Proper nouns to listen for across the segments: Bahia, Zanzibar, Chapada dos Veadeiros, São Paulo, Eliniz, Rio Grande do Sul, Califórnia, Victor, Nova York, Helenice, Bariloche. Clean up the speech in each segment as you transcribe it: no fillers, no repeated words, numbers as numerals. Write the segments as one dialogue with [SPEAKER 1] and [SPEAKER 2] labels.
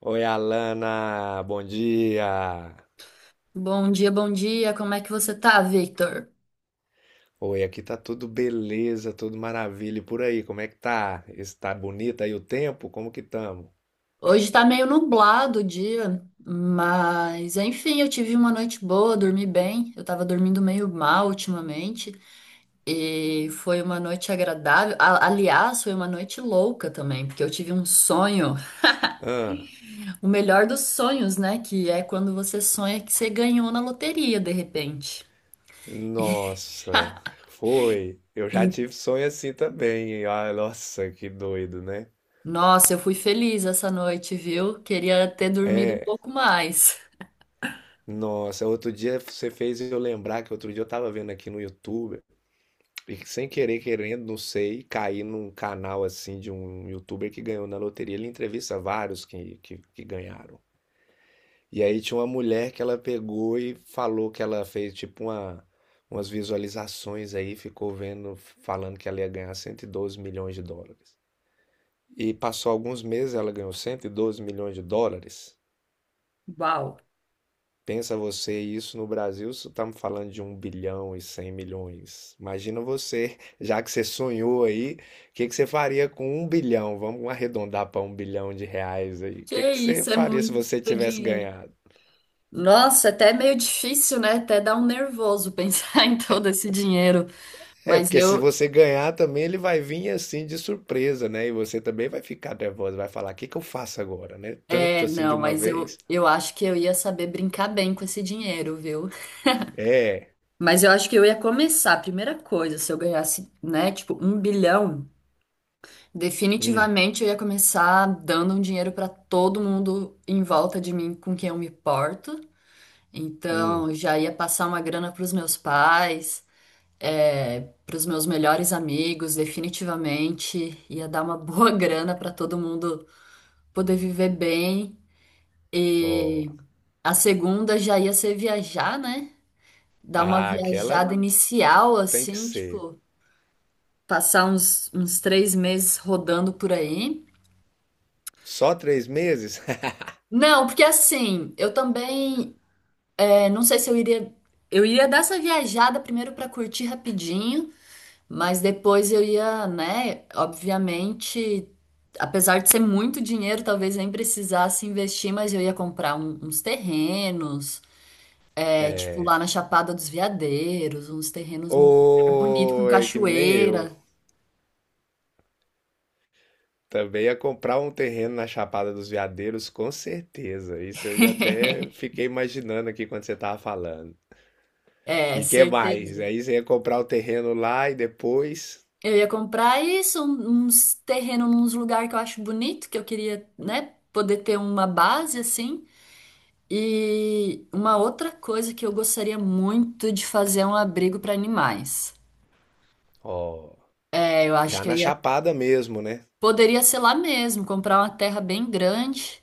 [SPEAKER 1] Oi, Alana, bom dia.
[SPEAKER 2] Bom dia, bom dia. Como é que você tá, Victor?
[SPEAKER 1] Oi, aqui tá tudo beleza, tudo maravilha. E por aí, como é que tá? Está bonito aí o tempo? Como que tamo?
[SPEAKER 2] Hoje tá meio nublado o dia, mas enfim, eu tive uma noite boa, dormi bem. Eu tava dormindo meio mal ultimamente e foi uma noite agradável. Aliás, foi uma noite louca também, porque eu tive um sonho,
[SPEAKER 1] Ah,
[SPEAKER 2] o melhor dos sonhos, né? Que é quando você sonha que você ganhou na loteria de repente.
[SPEAKER 1] nossa, foi. Eu já tive sonho assim também. Ah, nossa, que doido, né?
[SPEAKER 2] Nossa, eu fui feliz essa noite, viu? Queria ter dormido um pouco mais.
[SPEAKER 1] Nossa, outro dia você fez eu lembrar que outro dia eu tava vendo aqui no YouTube e que sem querer, querendo, não sei, caí num canal assim de um YouTuber que ganhou na loteria. Ele entrevista vários que ganharam. E aí tinha uma mulher que ela pegou e falou que ela fez tipo umas visualizações aí, ficou vendo, falando que ela ia ganhar 112 milhões de dólares. E passou alguns meses, ela ganhou 112 milhões de dólares.
[SPEAKER 2] Uau!
[SPEAKER 1] Pensa você, isso no Brasil, você tá me falando de 1.100.000.000. Imagina você, já que você sonhou aí, o que que você faria com 1.000.000.000? Vamos arredondar para R$ 1.000.000.000 aí. O
[SPEAKER 2] Que
[SPEAKER 1] que que você
[SPEAKER 2] isso, é
[SPEAKER 1] faria se
[SPEAKER 2] muito
[SPEAKER 1] você tivesse
[SPEAKER 2] dinheiro.
[SPEAKER 1] ganhado?
[SPEAKER 2] Nossa, até é meio difícil, né? Até dá um nervoso pensar em todo esse dinheiro.
[SPEAKER 1] É,
[SPEAKER 2] Mas
[SPEAKER 1] porque se
[SPEAKER 2] eu,
[SPEAKER 1] você ganhar também, ele vai vir assim de surpresa, né? E você também vai ficar nervosa, vai falar: o que que eu faço agora, né? Tanto
[SPEAKER 2] é,
[SPEAKER 1] assim de
[SPEAKER 2] não,
[SPEAKER 1] uma
[SPEAKER 2] mas eu,
[SPEAKER 1] vez.
[SPEAKER 2] eu acho que eu ia saber brincar bem com esse dinheiro, viu?
[SPEAKER 1] É,
[SPEAKER 2] Mas eu acho que eu ia começar, a primeira coisa, se eu ganhasse, né, tipo, 1 bilhão,
[SPEAKER 1] hum,
[SPEAKER 2] definitivamente eu ia começar dando um dinheiro para todo mundo em volta de mim com quem eu me porto.
[SPEAKER 1] hum,
[SPEAKER 2] Então, já ia passar uma grana para os meus pais, para os meus melhores amigos, definitivamente. Ia dar uma boa grana para todo mundo poder viver bem.
[SPEAKER 1] ó.
[SPEAKER 2] E a segunda já ia ser viajar, né? Dar uma
[SPEAKER 1] Ah, aquela
[SPEAKER 2] viajada inicial,
[SPEAKER 1] tem que
[SPEAKER 2] assim,
[SPEAKER 1] ser.
[SPEAKER 2] tipo, passar uns 3 meses rodando por aí.
[SPEAKER 1] Só 3 meses?
[SPEAKER 2] Não, porque assim, eu também, não sei se eu iria. Eu iria dar essa viajada primeiro para curtir rapidinho. Mas depois eu ia, né? Obviamente, apesar de ser muito dinheiro, talvez nem precisasse investir, mas eu ia comprar uns terrenos, é, tipo lá na Chapada dos Veadeiros, uns terrenos num lugar bonito com
[SPEAKER 1] Ô, é que nem eu.
[SPEAKER 2] cachoeira.
[SPEAKER 1] Também ia comprar um terreno na Chapada dos Veadeiros, com certeza. Isso eu já até fiquei imaginando aqui quando você tava falando.
[SPEAKER 2] É,
[SPEAKER 1] E que
[SPEAKER 2] certeza.
[SPEAKER 1] mais? Aí você ia comprar o terreno lá e depois.
[SPEAKER 2] Eu ia comprar isso, uns terrenos, uns lugares que eu acho bonito, que eu queria, né, poder ter uma base assim. E uma outra coisa que eu gostaria muito de fazer é um abrigo para animais.
[SPEAKER 1] Ó.
[SPEAKER 2] É, eu acho
[SPEAKER 1] Já
[SPEAKER 2] que eu
[SPEAKER 1] na
[SPEAKER 2] ia,
[SPEAKER 1] Chapada mesmo, né?
[SPEAKER 2] poderia ser lá mesmo, comprar uma terra bem grande.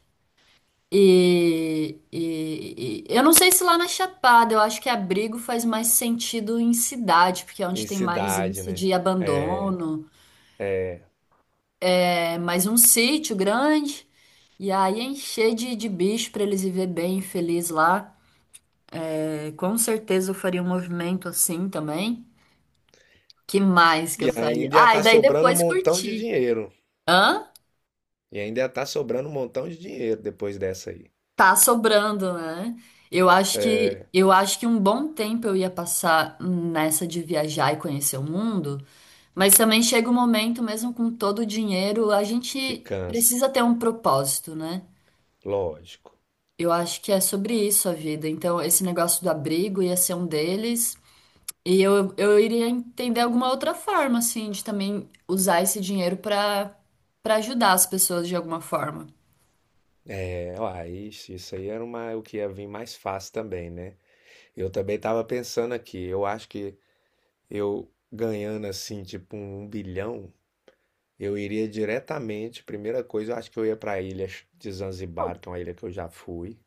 [SPEAKER 2] E, eu não sei se lá na Chapada, eu acho que abrigo faz mais sentido em cidade, porque é
[SPEAKER 1] Em
[SPEAKER 2] onde tem mais
[SPEAKER 1] cidade,
[SPEAKER 2] índice
[SPEAKER 1] né?
[SPEAKER 2] de abandono. É mais um sítio grande, e aí encher de bicho para eles viver bem e feliz lá. É, com certeza eu faria um movimento assim também. Que mais que eu
[SPEAKER 1] E
[SPEAKER 2] faria?
[SPEAKER 1] ainda ia
[SPEAKER 2] Ah, e
[SPEAKER 1] tá
[SPEAKER 2] daí
[SPEAKER 1] sobrando um
[SPEAKER 2] depois
[SPEAKER 1] montão de
[SPEAKER 2] curtir.
[SPEAKER 1] dinheiro.
[SPEAKER 2] Hã?
[SPEAKER 1] E ainda ia tá sobrando um montão de dinheiro depois dessa aí.
[SPEAKER 2] Tá sobrando, né? Eu acho que
[SPEAKER 1] É,
[SPEAKER 2] eu acho que um bom tempo eu ia passar nessa de viajar e conhecer o mundo, mas também chega um momento, mesmo com todo o dinheiro, a
[SPEAKER 1] que
[SPEAKER 2] gente
[SPEAKER 1] cansa,
[SPEAKER 2] precisa ter um propósito, né?
[SPEAKER 1] lógico.
[SPEAKER 2] Eu acho que é sobre isso a vida. Então, esse negócio do abrigo ia ser um deles, e eu iria entender alguma outra forma, assim, de também usar esse dinheiro para ajudar as pessoas de alguma forma.
[SPEAKER 1] É, ó, isso aí era uma, o que ia vir mais fácil também, né? Eu também tava pensando aqui, eu acho que eu ganhando assim, tipo um bilhão, eu iria diretamente, primeira coisa, eu acho que eu ia pra ilha de Zanzibar, que é uma ilha que eu já fui.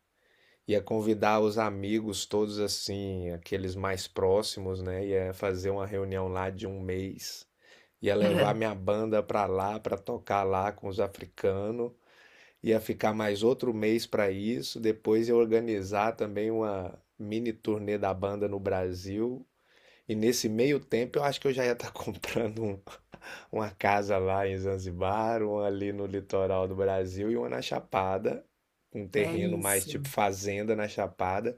[SPEAKER 1] Ia convidar os amigos todos assim, aqueles mais próximos, né? Ia fazer uma reunião lá de 1 mês. Ia levar minha banda pra lá, pra tocar lá com os africanos. Ia ficar mais outro mês pra isso. Depois ia organizar também uma mini turnê da banda no Brasil. E nesse meio tempo eu acho que eu já ia estar comprando uma casa lá em Zanzibar, uma ali no litoral do Brasil e uma na Chapada, um
[SPEAKER 2] É
[SPEAKER 1] terreno mais tipo
[SPEAKER 2] isso.
[SPEAKER 1] fazenda na Chapada.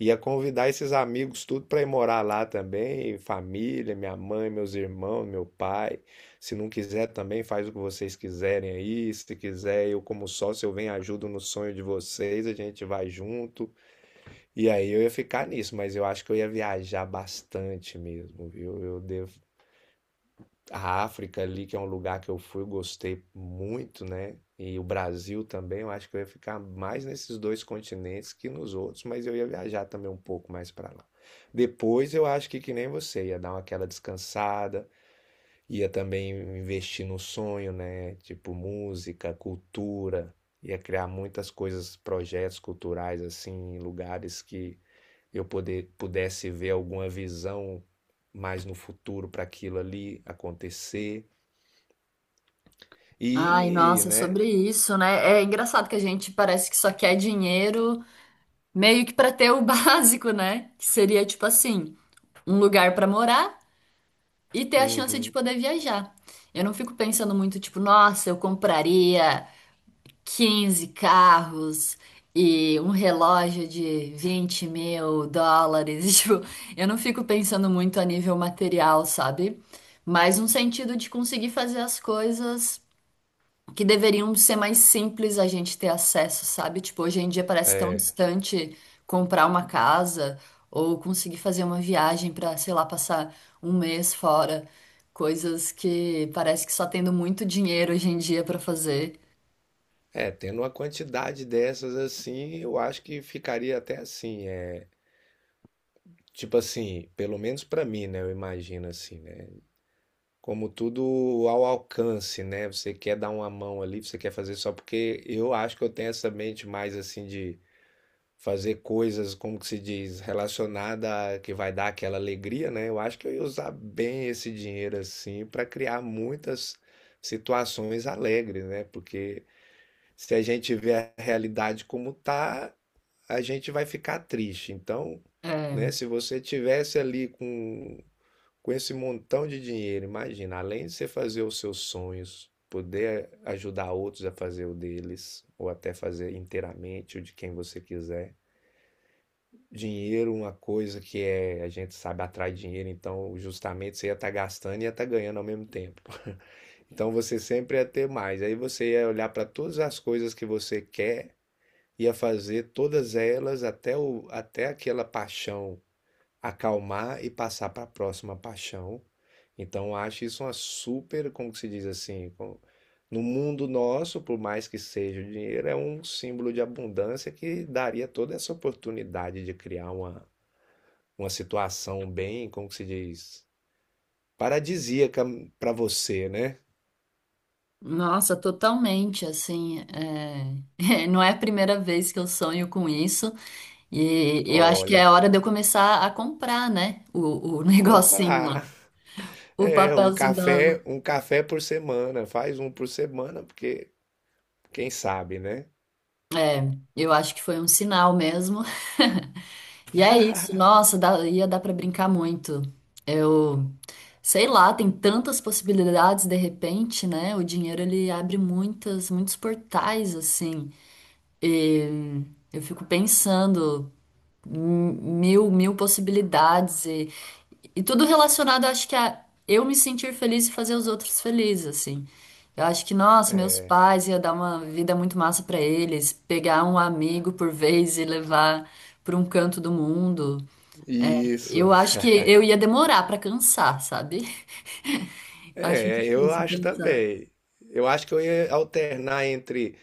[SPEAKER 1] Ia convidar esses amigos tudo para ir morar lá também, família, minha mãe, meus irmãos, meu pai. Se não quiser também, faz o que vocês quiserem aí. Se quiser, eu como sócio, eu venho e ajudo no sonho de vocês, a gente vai junto. E aí eu ia ficar nisso, mas eu acho que eu ia viajar bastante mesmo, viu? Eu devo a África ali, que é um lugar que eu fui, gostei muito, né? E o Brasil também, eu acho que eu ia ficar mais nesses dois continentes que nos outros, mas eu ia viajar também um pouco mais para lá. Depois eu acho que nem você, ia dar uma aquela descansada, ia também investir no sonho, né? Tipo música, cultura, ia criar muitas coisas, projetos culturais assim, em lugares que eu pudesse ver alguma visão mais no futuro para aquilo ali acontecer.
[SPEAKER 2] Ai,
[SPEAKER 1] E,
[SPEAKER 2] nossa,
[SPEAKER 1] né?
[SPEAKER 2] sobre isso, né? É engraçado que a gente parece que só quer dinheiro meio que pra ter o básico, né? Que seria tipo assim, um lugar pra morar e ter a chance de
[SPEAKER 1] Uhum.
[SPEAKER 2] poder viajar. Eu não fico pensando muito, tipo, nossa, eu compraria 15 carros e um relógio de 20 mil dólares. Tipo, eu não fico pensando muito a nível material, sabe? Mas um sentido de conseguir fazer as coisas que deveriam ser mais simples a gente ter acesso, sabe? Tipo, hoje em dia parece tão
[SPEAKER 1] É,
[SPEAKER 2] distante comprar uma casa ou conseguir fazer uma viagem para, sei lá, passar um mês fora, coisas que parece que só tendo muito dinheiro hoje em dia para fazer.
[SPEAKER 1] é, tendo uma quantidade dessas assim, eu acho que ficaria até assim, é, tipo assim, pelo menos pra mim, né? Eu imagino assim, né? Como tudo ao alcance, né? Você quer dar uma mão ali, você quer fazer só porque eu acho que eu tenho essa mente mais assim de fazer coisas, como que se diz, relacionada a que vai dar aquela alegria, né? Eu acho que eu ia usar bem esse dinheiro assim pra criar muitas situações alegres, né? Porque se a gente vê a realidade como tá, a gente vai ficar triste. Então, né,
[SPEAKER 2] É,
[SPEAKER 1] se você tivesse ali com esse montão de dinheiro, imagina, além de você fazer os seus sonhos, poder ajudar outros a fazer o deles, ou até fazer inteiramente o de quem você quiser. Dinheiro, uma coisa que é, a gente sabe atrai dinheiro, então justamente você ia estar gastando e ia estar ganhando ao mesmo tempo. Então você sempre ia ter mais. Aí você ia olhar para todas as coisas que você quer e a fazer todas elas até aquela paixão acalmar e passar para a próxima paixão. Então, eu acho isso uma super, como que se diz assim, no mundo nosso, por mais que seja o dinheiro, é um símbolo de abundância que daria toda essa oportunidade de criar uma situação bem, como que se diz, paradisíaca para você, né?
[SPEAKER 2] nossa, totalmente, assim, é, é, não é a primeira vez que eu sonho com isso e eu acho que é
[SPEAKER 1] Olha,
[SPEAKER 2] hora de eu começar a comprar, né, o negocinho lá,
[SPEAKER 1] comprar
[SPEAKER 2] o
[SPEAKER 1] é
[SPEAKER 2] papelzinho da.
[SPEAKER 1] um café por semana, faz um por semana, porque quem sabe, né?
[SPEAKER 2] É. Eu acho que foi um sinal mesmo. E é isso, nossa, dá- ia dar pra brincar muito. Eu sei lá, tem tantas possibilidades de repente, né? O dinheiro ele abre muitas, muitos portais assim. E eu fico pensando mil possibilidades e tudo relacionado, acho que a eu me sentir feliz e fazer os outros felizes, assim. Eu acho que, nossa, meus pais ia dar uma vida muito massa pra eles, pegar um amigo por vez e levar pra um canto do mundo.
[SPEAKER 1] Isso.
[SPEAKER 2] Eu acho que eu ia demorar pra cansar, sabe? Acho
[SPEAKER 1] É, eu
[SPEAKER 2] difícil
[SPEAKER 1] acho
[SPEAKER 2] cansar.
[SPEAKER 1] também. Eu acho que eu ia alternar entre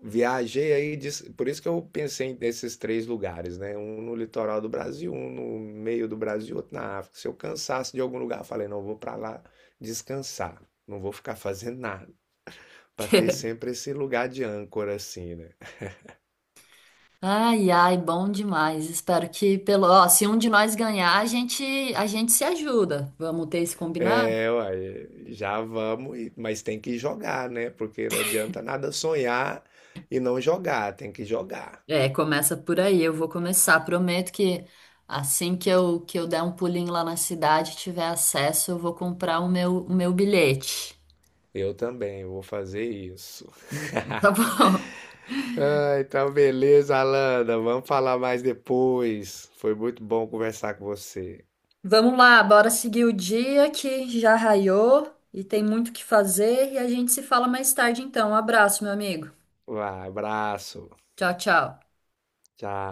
[SPEAKER 1] viajei aí, por isso que eu pensei nesses 3 lugares, né? Um no litoral do Brasil, um no meio do Brasil, outro na África. Se eu cansasse de algum lugar, eu falei, não, eu vou pra lá descansar. Não vou ficar fazendo nada. Pra ter sempre esse lugar de âncora assim, né?
[SPEAKER 2] Ai, ai, bom demais. Espero que pelo, ó, se um de nós ganhar, a gente se ajuda. Vamos ter esse combinado?
[SPEAKER 1] É, uai, já vamos, mas tem que jogar, né? Porque não adianta nada sonhar e não jogar, tem que jogar.
[SPEAKER 2] É, começa por aí. Eu vou começar. Prometo que assim que eu der um pulinho lá na cidade, e tiver acesso, eu vou comprar o meu bilhete.
[SPEAKER 1] Eu também vou fazer isso.
[SPEAKER 2] Então, tá bom.
[SPEAKER 1] Ah, então beleza, Alana, vamos falar mais depois. Foi muito bom conversar com você.
[SPEAKER 2] Vamos lá, bora seguir o dia que já raiou e tem muito o que fazer e a gente se fala mais tarde então. Um abraço, meu amigo.
[SPEAKER 1] Vai, abraço,
[SPEAKER 2] Tchau, tchau.
[SPEAKER 1] tchau.